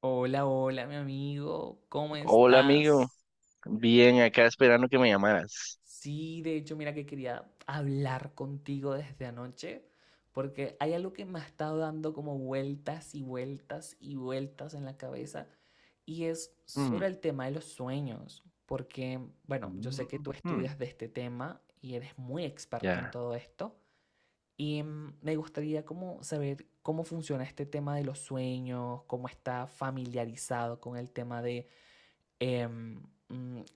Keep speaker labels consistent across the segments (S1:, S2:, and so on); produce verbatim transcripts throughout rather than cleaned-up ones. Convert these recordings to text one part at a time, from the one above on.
S1: Hola, hola, mi amigo, ¿cómo
S2: Hola amigo,
S1: estás?
S2: bien acá esperando que me llamaras.
S1: Sí, de hecho, mira que quería hablar contigo desde anoche, porque hay algo que me ha estado dando como vueltas y vueltas y vueltas en la cabeza, y es
S2: Mm,
S1: sobre el tema de los sueños, porque, bueno, yo sé que
S2: mm,
S1: tú
S2: mm,
S1: estudias de este tema y eres muy experto en
S2: ya.
S1: todo esto, y mm, me gustaría como saber cómo funciona este tema de los sueños, cómo está familiarizado con el tema de eh,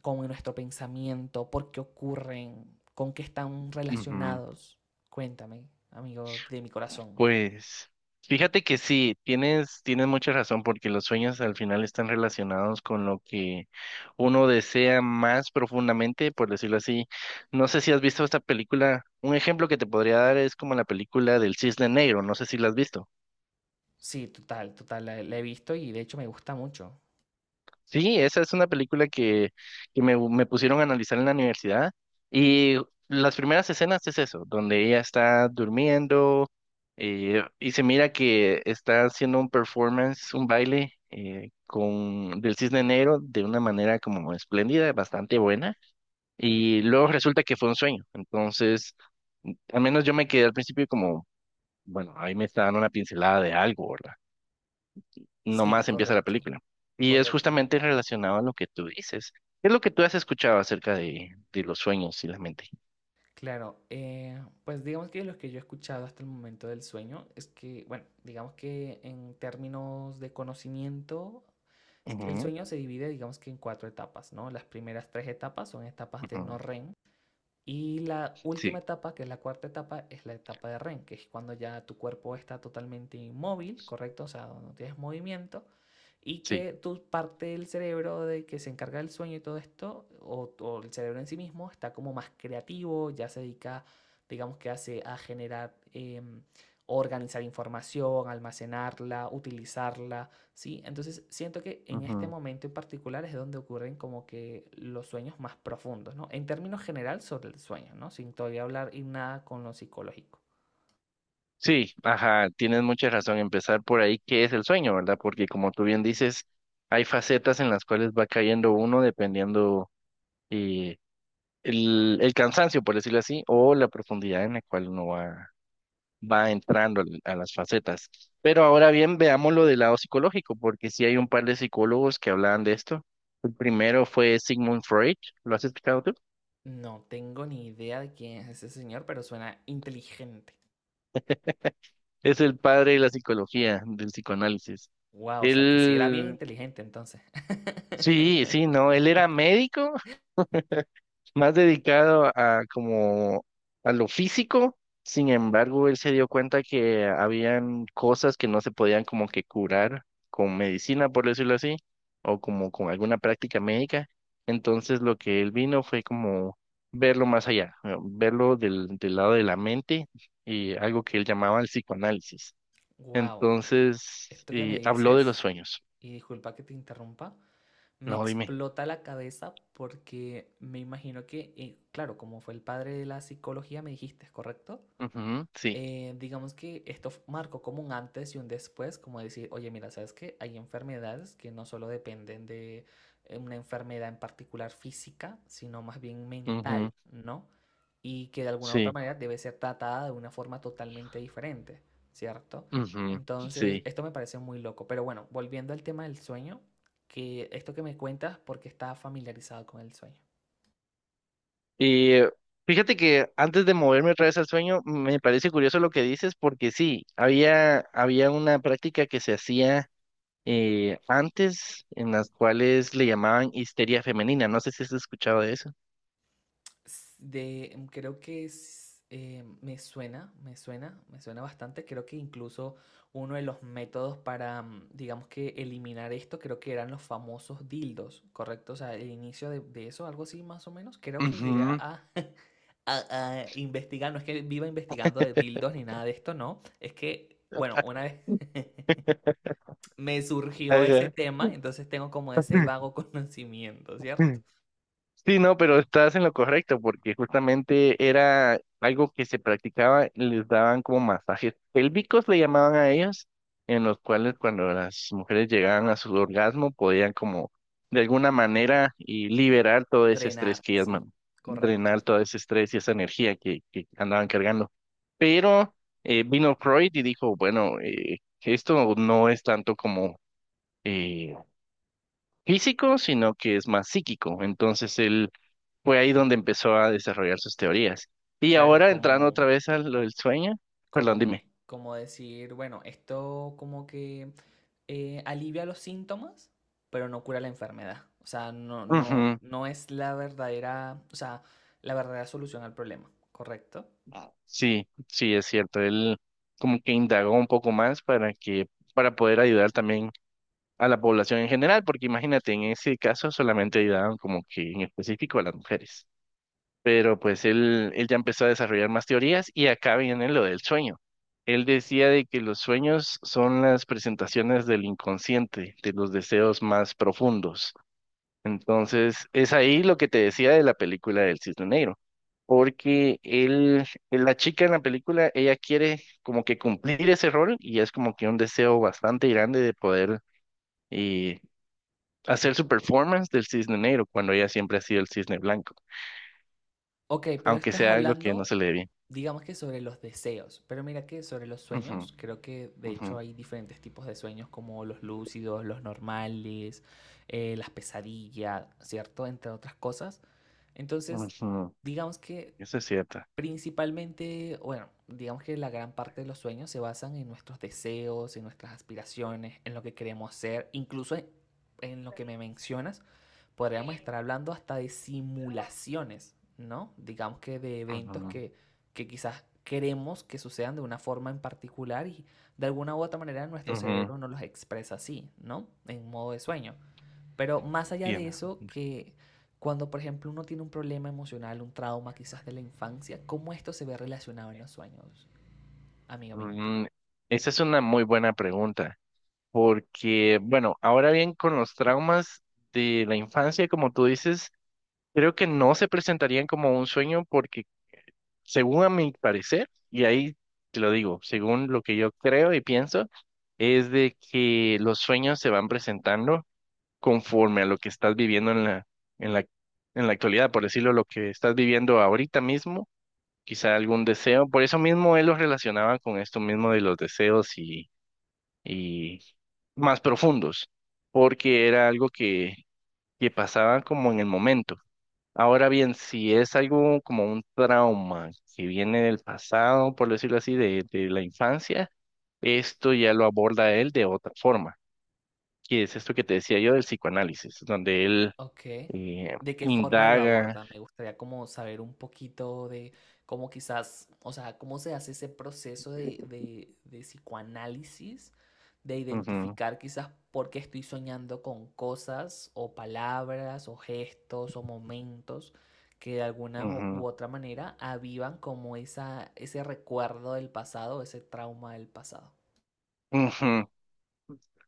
S1: con nuestro pensamiento, por qué ocurren, con qué están
S2: ujú.
S1: relacionados. Cuéntame, amigo de mi corazón.
S2: Pues fíjate que sí, tienes, tienes mucha razón porque los sueños al final están relacionados con lo que uno desea más profundamente, por decirlo así. No sé si has visto esta película. Un ejemplo que te podría dar es como la película del Cisne Negro, no sé si la has visto.
S1: Sí, total, total, la, la he visto y de hecho me gusta mucho.
S2: Sí, esa es una película que, que me, me pusieron a analizar en la universidad y las primeras escenas es eso, donde ella está durmiendo eh, y se mira que está haciendo un performance, un baile eh, con del Cisne Negro de una manera como espléndida, bastante buena y luego resulta que fue un sueño. Entonces, al menos yo me quedé al principio como, bueno, ahí me está dando una pincelada de algo, ¿verdad?
S1: Sí,
S2: Nomás empieza la
S1: correcto,
S2: película. Y es
S1: correcto.
S2: justamente relacionado a lo que tú dices. ¿Qué es lo que tú has escuchado acerca de, de los sueños y la mente?
S1: Claro, eh, pues digamos que lo que yo he escuchado hasta el momento del sueño es que, bueno, digamos que en términos de conocimiento, es que el
S2: Ujú,
S1: sueño se divide, digamos que en cuatro etapas, ¿no? Las primeras tres etapas son etapas de no
S2: ujú,
S1: R E M. Y la última
S2: sí,
S1: etapa, que es la cuarta etapa, es la etapa de R E M, que es cuando ya tu cuerpo está totalmente inmóvil, ¿correcto? O sea, donde no tienes movimiento y
S2: sí.
S1: que tu parte del cerebro de que se encarga del sueño y todo esto, o, o el cerebro en sí mismo, está como más creativo, ya se dedica, digamos que hace a generar, em, organizar información, almacenarla, utilizarla, ¿sí? Entonces siento que en este
S2: Ujú.
S1: momento en particular es donde ocurren como que los sueños más profundos, ¿no? En términos general sobre el sueño, ¿no? Sin todavía hablar y nada con lo psicológico.
S2: Sí, ajá, tienes mucha razón. Empezar por ahí, ¿qué es el sueño, verdad? Porque como tú bien dices, hay facetas en las cuales va cayendo uno dependiendo eh, el, el cansancio, por decirlo así, o la profundidad en la cual uno va va entrando al- a las facetas. Pero ahora bien, veámoslo del lado psicológico, porque sí hay un par de psicólogos que hablaban de esto. El primero fue Sigmund Freud, ¿lo has explicado tú?
S1: No tengo ni idea de quién es ese señor, pero suena inteligente.
S2: Es el padre de la psicología, del psicoanálisis.
S1: Wow, o sea que sí era bien
S2: Él,
S1: inteligente entonces.
S2: sí, sí, no, él era médico más dedicado a como a lo físico. Sin embargo, él se dio cuenta que habían cosas que no se podían como que curar con medicina, por decirlo así, o como con alguna práctica médica. Entonces, lo que él vino fue como verlo más allá, eh, verlo del, del lado de la mente y algo que él llamaba el psicoanálisis.
S1: Wow,
S2: Entonces,
S1: esto que me
S2: y habló de los
S1: dices
S2: sueños.
S1: y disculpa que te interrumpa, me
S2: No, dime.
S1: explota la cabeza porque me imagino que, eh, claro, como fue el padre de la psicología, me dijiste, es ¿correcto?
S2: Ujú, sí.
S1: Eh, digamos que esto f- marcó como un antes y un después, como decir, oye, mira, ¿sabes qué? Hay enfermedades que no solo dependen de eh, una enfermedad en particular física, sino más bien mental,
S2: Ujú,
S1: ¿no? Y que de alguna u otra
S2: sí.
S1: manera debe ser tratada de una forma totalmente diferente, ¿cierto?
S2: Ujú,
S1: Entonces,
S2: sí.
S1: esto me parece muy loco. Pero bueno, volviendo al tema del sueño, que esto que me cuentas, porque está familiarizado con el sueño.
S2: Y eh, fíjate que antes de moverme otra vez al sueño, me parece curioso lo que dices, porque sí, había, había una práctica que se hacía eh, antes, en las cuales le llamaban histeria femenina. No sé si has escuchado de eso.
S1: s- De, mm, creo que es, eh, me suena, me suena, me suena bastante. Creo que incluso uno de los métodos para, mm, digamos que eliminar esto, creo que eran los famosos dildos, ¿correcto? O sea, el inicio de, de eso, algo así más o menos. Creo que llegué
S2: Ujú.
S1: a, a, a investigar, no es que viva investigando de dildos ni nada de esto, no. Es que, bueno, una vez me surgió ese
S2: Ajá.
S1: tema, entonces tengo como ese vago conocimiento, ¿cierto?
S2: Sí, no, pero estás en lo correcto, porque justamente era algo que se practicaba, les daban como masajes pélvicos, le llamaban a ellos, en los cuales cuando las mujeres llegaban a su orgasmo podían como de alguna manera y liberar todo ese
S1: Drenar,
S2: estrés que ellas,
S1: ¿sí?
S2: man-
S1: Correcto.
S2: drenar todo ese estrés y esa energía que, que andaban cargando. Pero eh, vino Freud y dijo, bueno, eh, esto no es tanto como eh, físico, sino que es más psíquico. Entonces él fue ahí donde empezó a desarrollar sus teorías. Y
S1: Claro,
S2: ahora entrando
S1: como,
S2: otra vez a lo del sueño,
S1: como,
S2: perdón, dime.
S1: como decir, bueno, esto como que eh, alivia los síntomas, pero no cura la enfermedad. O sea, no, no,
S2: Ujú,
S1: no es la verdadera, o sea, la verdadera solución al problema, ¿correcto?
S2: sí, sí, es cierto. Él como que indagó un poco más para que, para poder ayudar también a la población en general, porque imagínate, en ese caso solamente ayudaban como que en específico a las mujeres. Pero pues él, él ya empezó a desarrollar más teorías y acá viene lo del sueño. Él decía de que los sueños son las presentaciones del inconsciente, de los deseos más profundos. Entonces, es ahí lo que te decía de la película del Cisne Negro, porque él, eh, la chica en la película, ella quiere como que cumplir ese rol y es como que un deseo bastante grande de poder y hacer su performance del Cisne Negro cuando ella siempre ha sido el Cisne Blanco,
S1: Ok, pero
S2: aunque
S1: esto es
S2: sea algo que no se
S1: hablando,
S2: le dé bien.
S1: digamos que sobre los deseos, pero mira que sobre los
S2: Ujú,
S1: sueños, creo que de
S2: ujú,
S1: hecho hay diferentes tipos de sueños como los lúcidos, los normales, eh, las pesadillas, ¿cierto? Entre otras cosas. Entonces,
S2: ujú,
S1: digamos que
S2: eso es cierto.
S1: principalmente, bueno, digamos que la gran parte de los sueños se basan en nuestros deseos, en nuestras aspiraciones, en lo que queremos ser, incluso en, en lo que me mencionas, podríamos estar hablando hasta de simulaciones, ¿no? Digamos que de eventos que, que quizás queremos que sucedan de una forma en particular y de alguna u otra manera nuestro
S2: Ujú, ujú,
S1: cerebro nos los expresa así, ¿no? En modo de sueño. Pero más allá de
S2: tiene-
S1: eso, que cuando por ejemplo uno tiene un problema emocional, un trauma quizás de la infancia, ¿cómo esto se ve relacionado en los sueños, amigo mío?
S2: mm, esa es una muy buena pregunta. Porque, bueno, ahora bien, con los traumas de la infancia, como tú dices, creo que no se presentarían como un sueño porque, según a mi parecer, y ahí te lo digo, según lo que yo creo y pienso, es de que los sueños se van presentando conforme a lo que estás viviendo en la, en la, en la actualidad, por decirlo, lo que estás viviendo ahorita mismo, quizá algún deseo, por eso mismo él los relacionaba con esto mismo de los deseos y más profundos, porque era algo que, que pasaba como en el momento. Ahora bien, si es algo como un trauma que viene del pasado, por decirlo así, de, de la infancia, esto ya lo aborda él de otra forma, que es esto que te decía yo del psicoanálisis, donde él
S1: Ok.
S2: eh,
S1: ¿De qué forma lo
S2: indaga.
S1: aborda? Me gustaría como saber un poquito de cómo quizás, o sea, cómo se hace ese proceso de, de, de psicoanálisis, de
S2: Ujú,
S1: identificar quizás por qué estoy soñando con cosas o palabras o gestos o momentos que de alguna u u
S2: ujú,
S1: otra manera avivan como esa, ese recuerdo del pasado, ese trauma del pasado.
S2: ujú.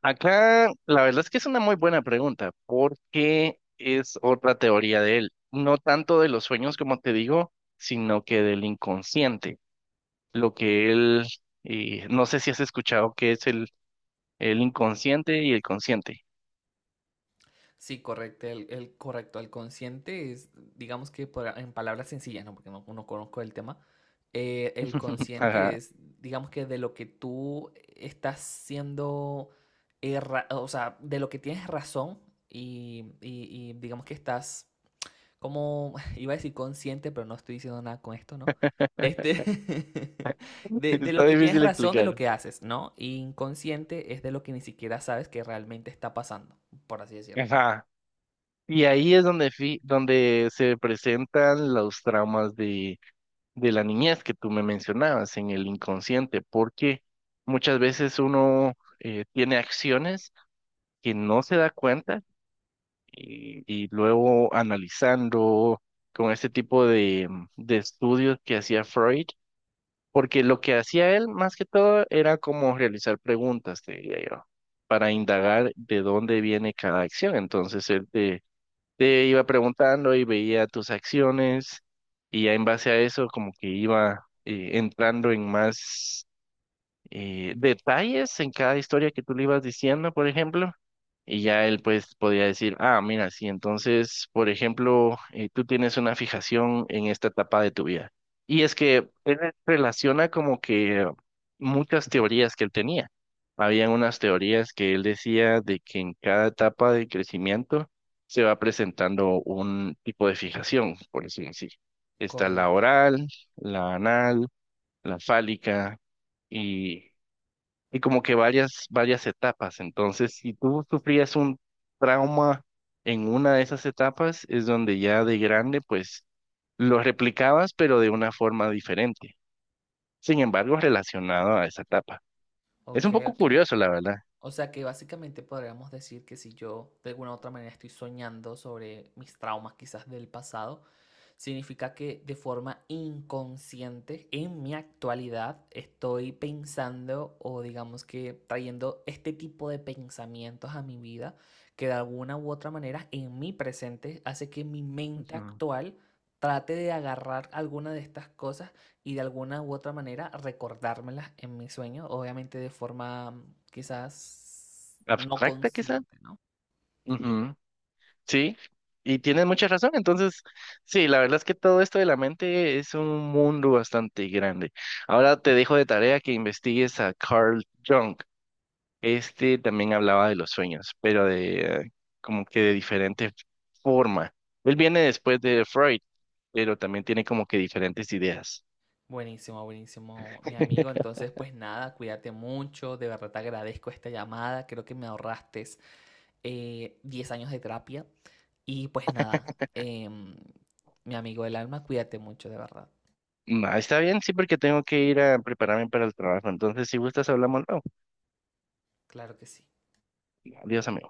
S2: Acá, la verdad es que es una muy buena pregunta, porque es otra teoría de él, no tanto de los sueños, como te digo, sino que del inconsciente. Lo que él, eh, no sé si has escuchado que es el, el inconsciente y el consciente.
S1: Sí, correcto. El, el correcto, el consciente es, digamos que por- en palabras sencillas, ¿no? Porque no, no conozco el tema. Eh, el consciente
S2: Ajá,
S1: es, digamos que de lo que tú estás siendo, erra- o sea, de lo que tienes razón y, y- y digamos que estás como, iba a decir consciente, pero no estoy diciendo nada con esto, ¿no? Este, de, de
S2: está
S1: lo que tienes
S2: difícil
S1: razón, de lo
S2: explicar.
S1: que haces, ¿no? Y inconsciente es de lo que ni siquiera sabes que realmente está pasando, por así decirlo.
S2: Ajá. Y ahí es donde, fi- donde se presentan los traumas de la niñez que tú me mencionabas en el inconsciente, porque muchas veces uno eh, tiene acciones que no se da cuenta y, y luego analizando con este tipo de, de estudios que hacía Freud, porque lo que hacía él más que todo era como realizar preguntas, te diría yo, para indagar de dónde viene cada acción. Entonces él te te iba preguntando y veía tus acciones y ya en base a eso como que iba eh, entrando en más eh, detalles en cada historia que tú le ibas diciendo, por ejemplo, y ya él pues podía decir, ah, mira, sí, entonces, por ejemplo, eh, tú tienes una fijación en esta etapa de tu vida. Y es que él relaciona como que muchas teorías que él tenía. Habían unas teorías que él decía de que en cada etapa de crecimiento se va presentando un tipo de fijación, por decirlo así. Está la
S1: Correcto.
S2: oral, la anal, la fálica y y como que varias, varias etapas. Entonces, si tú sufrías un trauma en una de esas etapas, es donde ya de grande, pues lo replicabas, pero de una forma diferente. Sin embargo, relacionado a esa etapa. Es
S1: Ok,
S2: un poco
S1: ok.
S2: curioso, la verdad.
S1: O sea que básicamente podríamos decir que si yo de alguna u otra manera estoy soñando sobre mis traumas quizás del pasado, significa que de forma inconsciente en mi actualidad estoy pensando o digamos que trayendo este tipo de pensamientos a mi vida que de alguna u otra manera en mi presente hace que mi mente
S2: Ujú.
S1: actual trate de agarrar alguna de estas cosas y de alguna u otra manera recordármelas en mis sueños, obviamente de forma mm, quizás no
S2: Abstracta, quizá.
S1: consciente, ¿no?
S2: Ujú, sí, y tienes mucha razón. Entonces, sí, la verdad es que todo esto de la mente es un mundo bastante grande. Ahora te dejo de tarea que investigues a Carl Jung. Este también hablaba de los sueños, pero de eh, como que de diferente forma. Él viene después de Freud, pero también tiene como que diferentes ideas.
S1: Buenísimo, buenísimo, mi amigo. Entonces, pues nada, cuídate mucho. De verdad te agradezco esta llamada. Creo que me ahorraste eh, diez años de terapia. Y pues nada, em, mi amigo del alma, cuídate mucho, de verdad.
S2: Ma, está bien, sí, porque tengo que ir a prepararme para el trabajo. Entonces, si gustas, hablamos luego.
S1: Claro que sí.
S2: Adiós, amigo.